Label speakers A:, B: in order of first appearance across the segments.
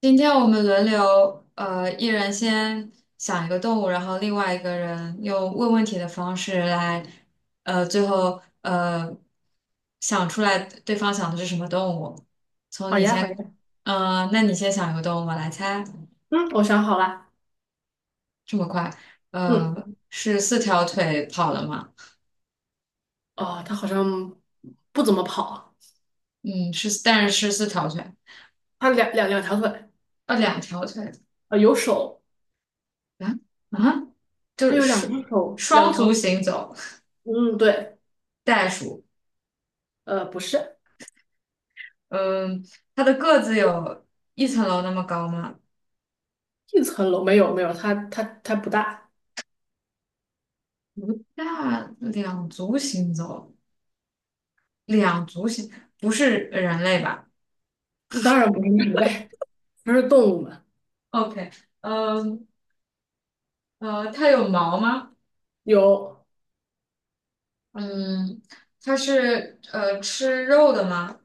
A: 今天我们轮流，一人先想一个动物，然后另外一个人用问问题的方式来，最后想出来对方想的是什么动物。从
B: 好
A: 你
B: 呀，好
A: 先，
B: 呀，
A: 那你先想一个动物，我来猜。
B: 嗯，我想好了。
A: 这么快？呃，
B: 嗯，
A: 是四条腿跑的吗？
B: 哦，它好像不怎么跑，
A: 嗯，是，但是是四条腿，
B: 它两条腿，
A: 两条腿
B: 有手，
A: 啊啊，
B: 它
A: 就
B: 有两只
A: 是
B: 手，
A: 双
B: 两
A: 双足
B: 条，
A: 行走，
B: 嗯，对，
A: 袋鼠。
B: 不是。
A: 嗯，它的个子有一层楼那么高吗？
B: 一层楼，没有没有，它不大，
A: 不大，两足行走，两足行，不是人类吧
B: 当然不是人类，不是动物嘛。
A: ？OK，嗯它有毛吗？
B: 有，
A: 嗯，它是吃肉的吗？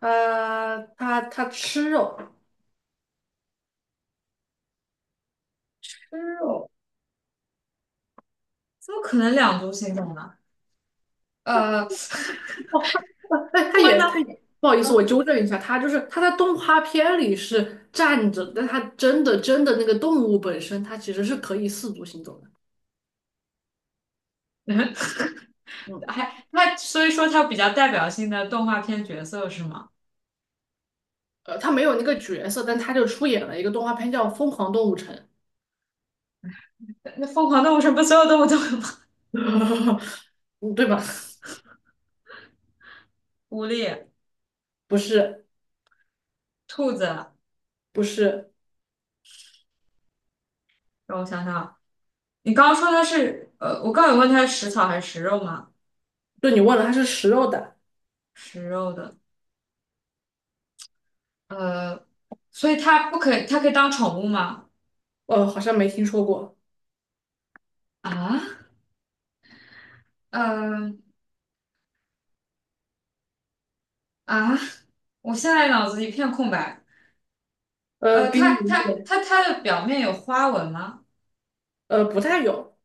B: 它吃肉。
A: 吃肉，怎么可能两足行走呢？呃，
B: 哦，它哎，它
A: 我呢？
B: 也它也，不好意思，我 纠正一下，它就是它在动画片里是站着，但它真的真的那个动物本身，它其实是可以四足行走的。
A: 嗯，
B: 嗯。
A: 所以说它比较代表性的动画片角色是吗？
B: 他没有那个角色，但他就出演了一个动画片叫《疯狂动物城》。
A: 那疯狂动物城不所有动物都有吗？
B: 嗯对吧？
A: 狐狸、
B: 不是，
A: 兔子，
B: 不是，
A: 让我想想。你刚刚说它是呃，我刚刚有问它是食草还是食肉吗？
B: 对你问了，他是食肉的。
A: 食肉的，呃，所以它不可以，它可以当宠物吗？
B: 好像没听说过。
A: 啊，呃啊，我现在脑子一片空白。
B: 给你
A: 它
B: 一
A: 它
B: 点。
A: 它它的表面有花纹吗？
B: 不太有，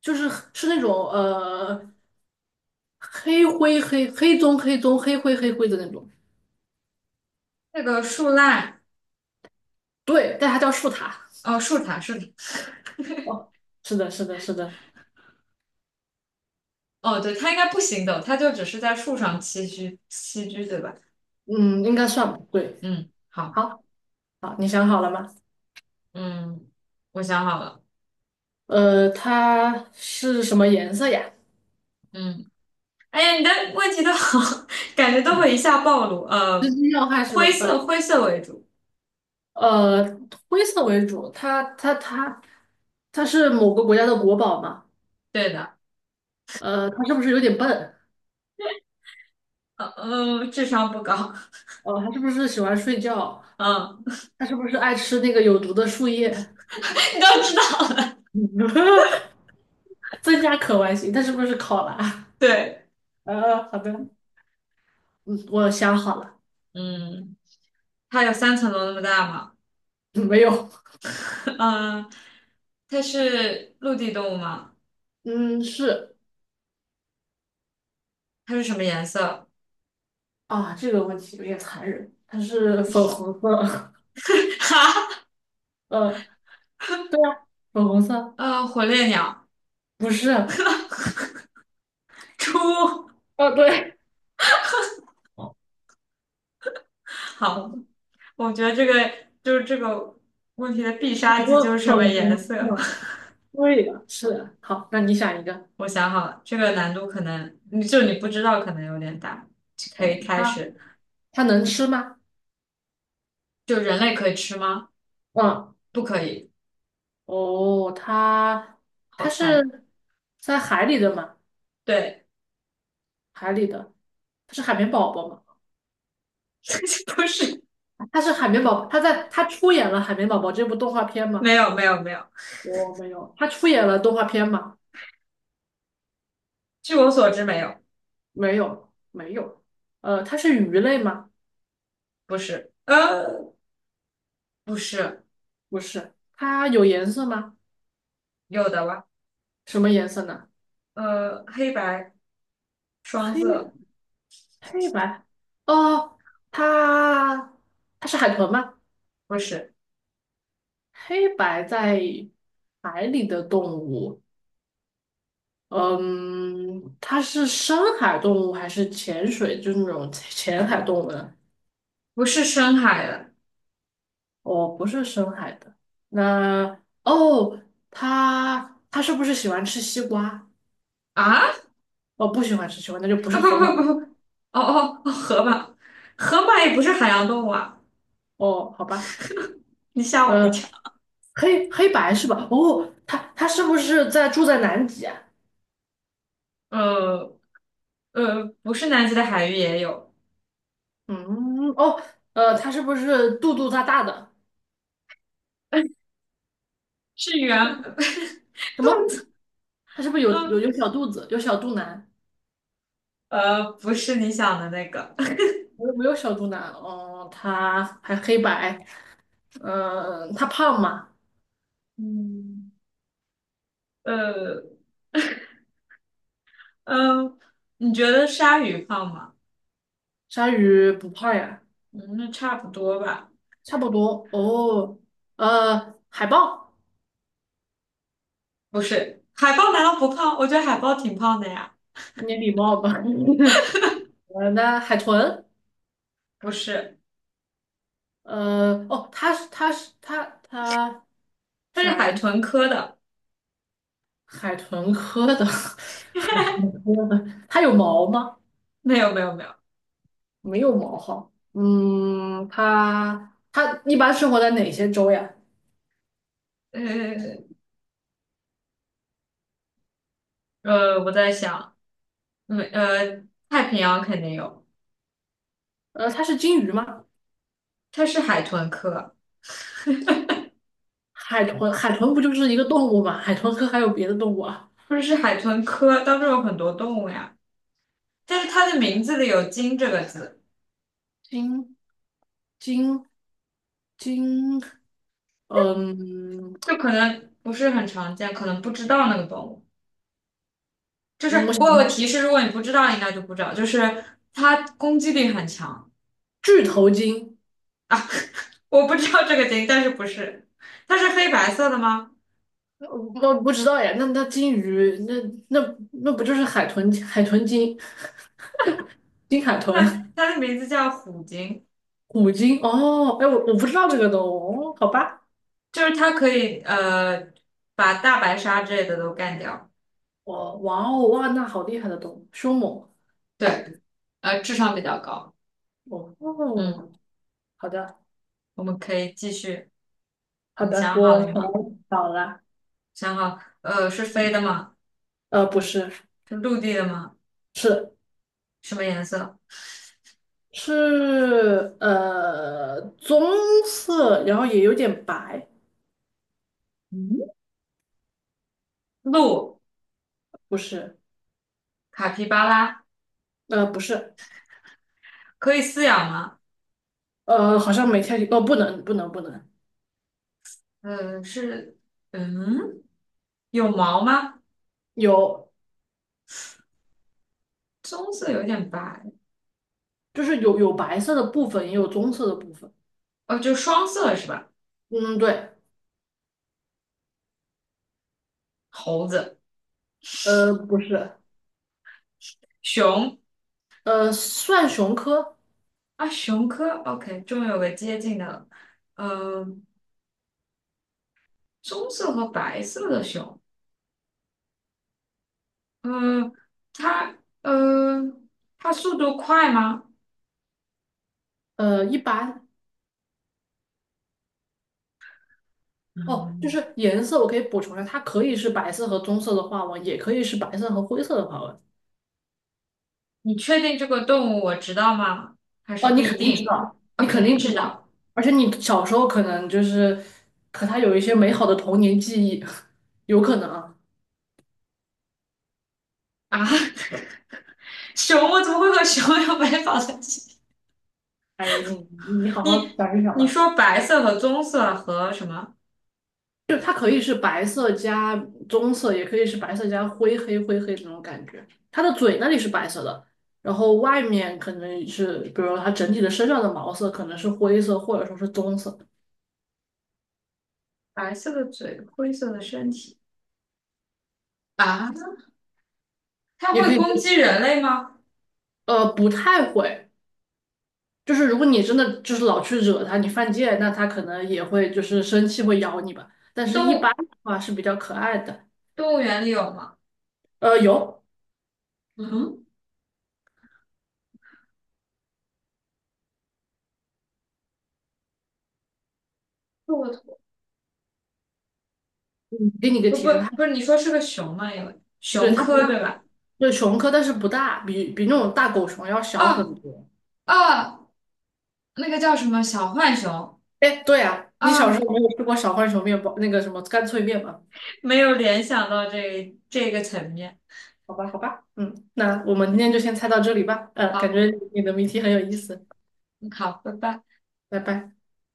B: 就是是那种黑灰黑黑棕黑棕黑灰黑灰的那种。
A: 那个树懒，
B: 对，但它叫树塔。
A: 哦，树懒，
B: 哦，是的，是的，是的。
A: 哦，对，它应该不行走，它就只是在树上栖居栖居，对吧？
B: 嗯，应该算吧，对。
A: 嗯，好，
B: 好，好，你想好了吗？
A: 嗯，我想好了，
B: 它是什么颜色呀？
A: 嗯。哎呀，你的问题都好，感觉都会一下暴露。
B: 要害是
A: 灰
B: 吧？嗯。
A: 色灰色为主，
B: 呃，灰色为主，它它是某个国家的国宝嘛？
A: 对的。
B: 它是不是有点笨？
A: 智商不高。
B: 哦，它是不是喜欢睡觉？
A: 嗯，
B: 它是不是爱吃那个有毒的树叶？
A: 你都知道了。
B: 增加可玩性，它是不是考拉？
A: 对，
B: 好的。嗯，我想好了。
A: 嗯，它有三层楼那么大吗？
B: 嗯没有。
A: 嗯，它是陆地动物吗？
B: 嗯，是
A: 它是什么颜色？
B: 啊，这个问题有点残忍，它是粉红色。
A: 哈，
B: 呃，对啊，粉红色
A: 火烈鸟，
B: 不是，啊，
A: 猪。
B: 对，哦
A: 好，我觉得这个问题的必
B: 你
A: 杀技就
B: 说
A: 是什
B: 粉
A: 么
B: 红
A: 颜色。
B: 色。对的，是的。好，那你想一个。
A: 我想好了，这个难度可能你不知道，可能有点大，可以
B: 哦，
A: 开
B: 它
A: 始。
B: 它能吃吗？
A: 就人类可以吃吗？
B: 嗯，
A: 不可以，
B: 哦，它
A: 好
B: 它
A: 残忍。
B: 是在海里的吗？
A: 对，
B: 海里的，它是海绵宝宝吗？
A: 不是，
B: 它是海绵宝宝，它在它出演了《海绵宝宝》这部动画片
A: 没
B: 吗？
A: 有没有没有，
B: 我、没有，它出演了动画片吗？
A: 据我所知没有，
B: 没有，没有。它是鱼类吗？
A: 不是，不是，
B: 不是，它有颜色吗？
A: 有的吧？
B: 什么颜色呢？
A: 黑白双
B: 黑
A: 色，
B: 黑白。哦，它它是海豚吗？
A: 不是，
B: 黑白在海里的动物。嗯，它是深海动物还是潜水？就是那种浅海动物呢？
A: 不是深海的
B: 哦，不是深海的。那哦，它它是不是喜欢吃西瓜？
A: 啊？
B: 哦，不喜欢吃西瓜，那就不
A: 啊
B: 是
A: 不
B: 河马
A: 不
B: 了。
A: 不不，哦哦哦，河马，河马也不是海洋动物啊，
B: 哦，好吧。
A: 你吓我一
B: 呃，
A: 跳。
B: 黑白是吧？哦，它它是不是在住在南极啊？
A: 呃不是南极的海域也有，
B: 嗯，哦。它是不是肚肚大大的？
A: 是
B: 它是不
A: 原
B: 是什么？它是不是有有
A: 嗯，
B: 有小肚子，有小肚腩？
A: 呃，不是你想的那个，
B: 我有没有小肚腩，哦，它还黑白。嗯、它胖吗？
A: 嗯，呃，嗯，你觉得鲨鱼胖吗？
B: 鲨鱼不胖呀。
A: 嗯，那差不多吧。
B: 差不多哦。海豹，
A: 不是，海豹难道不胖？我觉得海豹挺胖的呀。
B: 你礼貌吧？那海豚。
A: 不是，
B: 哦，它是它是它它
A: 它是
B: 啥
A: 海
B: 呀？
A: 豚科的。
B: 海豚科的。它有毛吗？
A: 没有，没有，没有。
B: 没有毛哈。嗯，它它一般生活在哪些洲呀？
A: 呃，我在想，没，呃，太平洋肯定有，
B: 它是鲸鱼吗？
A: 它是海豚科，
B: 海豚，海豚不就是一个动物吗？海豚科还有别的动物啊？
A: 不是是海豚科当中有很多动物呀，但是它的名字里有鲸这个字，
B: 鲸，鲸，鲸，嗯，
A: 就可能不是很常见，可能不知道那个动物。就
B: 我
A: 是我有个
B: 想
A: 提示，如果你不知道，应该就不知道。就是它攻击力很强
B: 巨头鲸。
A: 啊，我不知道这个鲸，但是不是，它是黑白色的吗？
B: 我不知道呀。那那鲸鱼，那那那不就是海豚？海豚鲸，鲸海豚，
A: 它的名字叫虎鲸，
B: 虎鲸。哦，哎，我我不知道这个动物，哦，好吧。
A: 就是它可以把大白鲨之类的都干掉。
B: 哦，哇哦，哇，那好厉害的动物，凶猛。
A: 对，智商比较高。
B: 哦，
A: 嗯，
B: 哦好的。
A: 我们可以继续。
B: 好
A: 你
B: 的，
A: 想好
B: 我
A: 了
B: 想
A: 吗？
B: 到了。
A: 想好，是飞的吗？
B: 不是，
A: 是陆地的吗？
B: 是
A: 什么颜色？
B: 是棕色，然后也有点白。
A: 嗯，鹿、
B: 不是。
A: 卡皮巴拉
B: 不是。
A: 可以饲养吗？
B: 好像没太不能不能不能
A: 是，嗯。有毛吗？
B: 有。
A: 棕色有点白，
B: 就是有有白色的部分，也有棕色的部分。
A: 哦，就双色是吧？
B: 嗯对。
A: 猴子、
B: 不是。
A: 熊
B: 算熊科。
A: 啊，熊科，OK，终于有个接近的了。嗯、棕色和白色的熊，嗯、它，呃，它速度快吗？
B: 一般。哦就
A: 嗯，
B: 是颜色我可以补充一下，它可以是白色和棕色的花纹，也可以是白色和灰色的花纹。
A: 你确定这个动物我知道吗？还是
B: 哦，
A: 不
B: 你
A: 一
B: 肯定知
A: 定？
B: 道，
A: 啊，
B: 你
A: 肯
B: 肯
A: 定
B: 定知
A: 知道
B: 道，而且你小时候可能就是和他有一些美好的童年记忆。有可能啊。
A: 啊。熊，我怎么会和熊有 白发在一起？
B: 哎呀，你好好
A: 你
B: 想一想
A: 你
B: 吧。
A: 说白色和棕色和什么？
B: 就它可以是白色加棕色，也可以是白色加灰黑灰黑这种感觉。它的嘴那里是白色的，然后外面可能是，比如说它整体的身上的毛色可能是灰色或者说是棕色。
A: 白色的嘴，灰色的身体。啊，它
B: 也可
A: 会攻
B: 以。
A: 击人类吗？
B: 不太会。就是如果你真的就是老去惹它，你犯贱，那它可能也会就是生气会咬你吧。但是
A: 动
B: 一般
A: 物
B: 的话是比较可爱的。
A: 动物园里有吗？
B: 有。
A: 嗯，骆驼，
B: 嗯给你个
A: 不不
B: 提示，它
A: 不是，你说是个熊吗？有
B: 对
A: 熊
B: 它不
A: 科
B: 大，
A: 对吧？
B: 对熊科，但是不大，比那种大狗熊要小很
A: 啊
B: 多。
A: 啊，那个叫什么小浣熊
B: 哎，对啊，你小时
A: 啊，
B: 候没有吃过小浣熊面包那个什么干脆面吗？
A: 没有联想到这个层面。
B: 好吧，好吧，嗯，那我们今天就先猜到这里吧。感觉
A: 好，
B: 你的谜题很有意思。
A: 嗯好，拜拜。
B: 拜拜。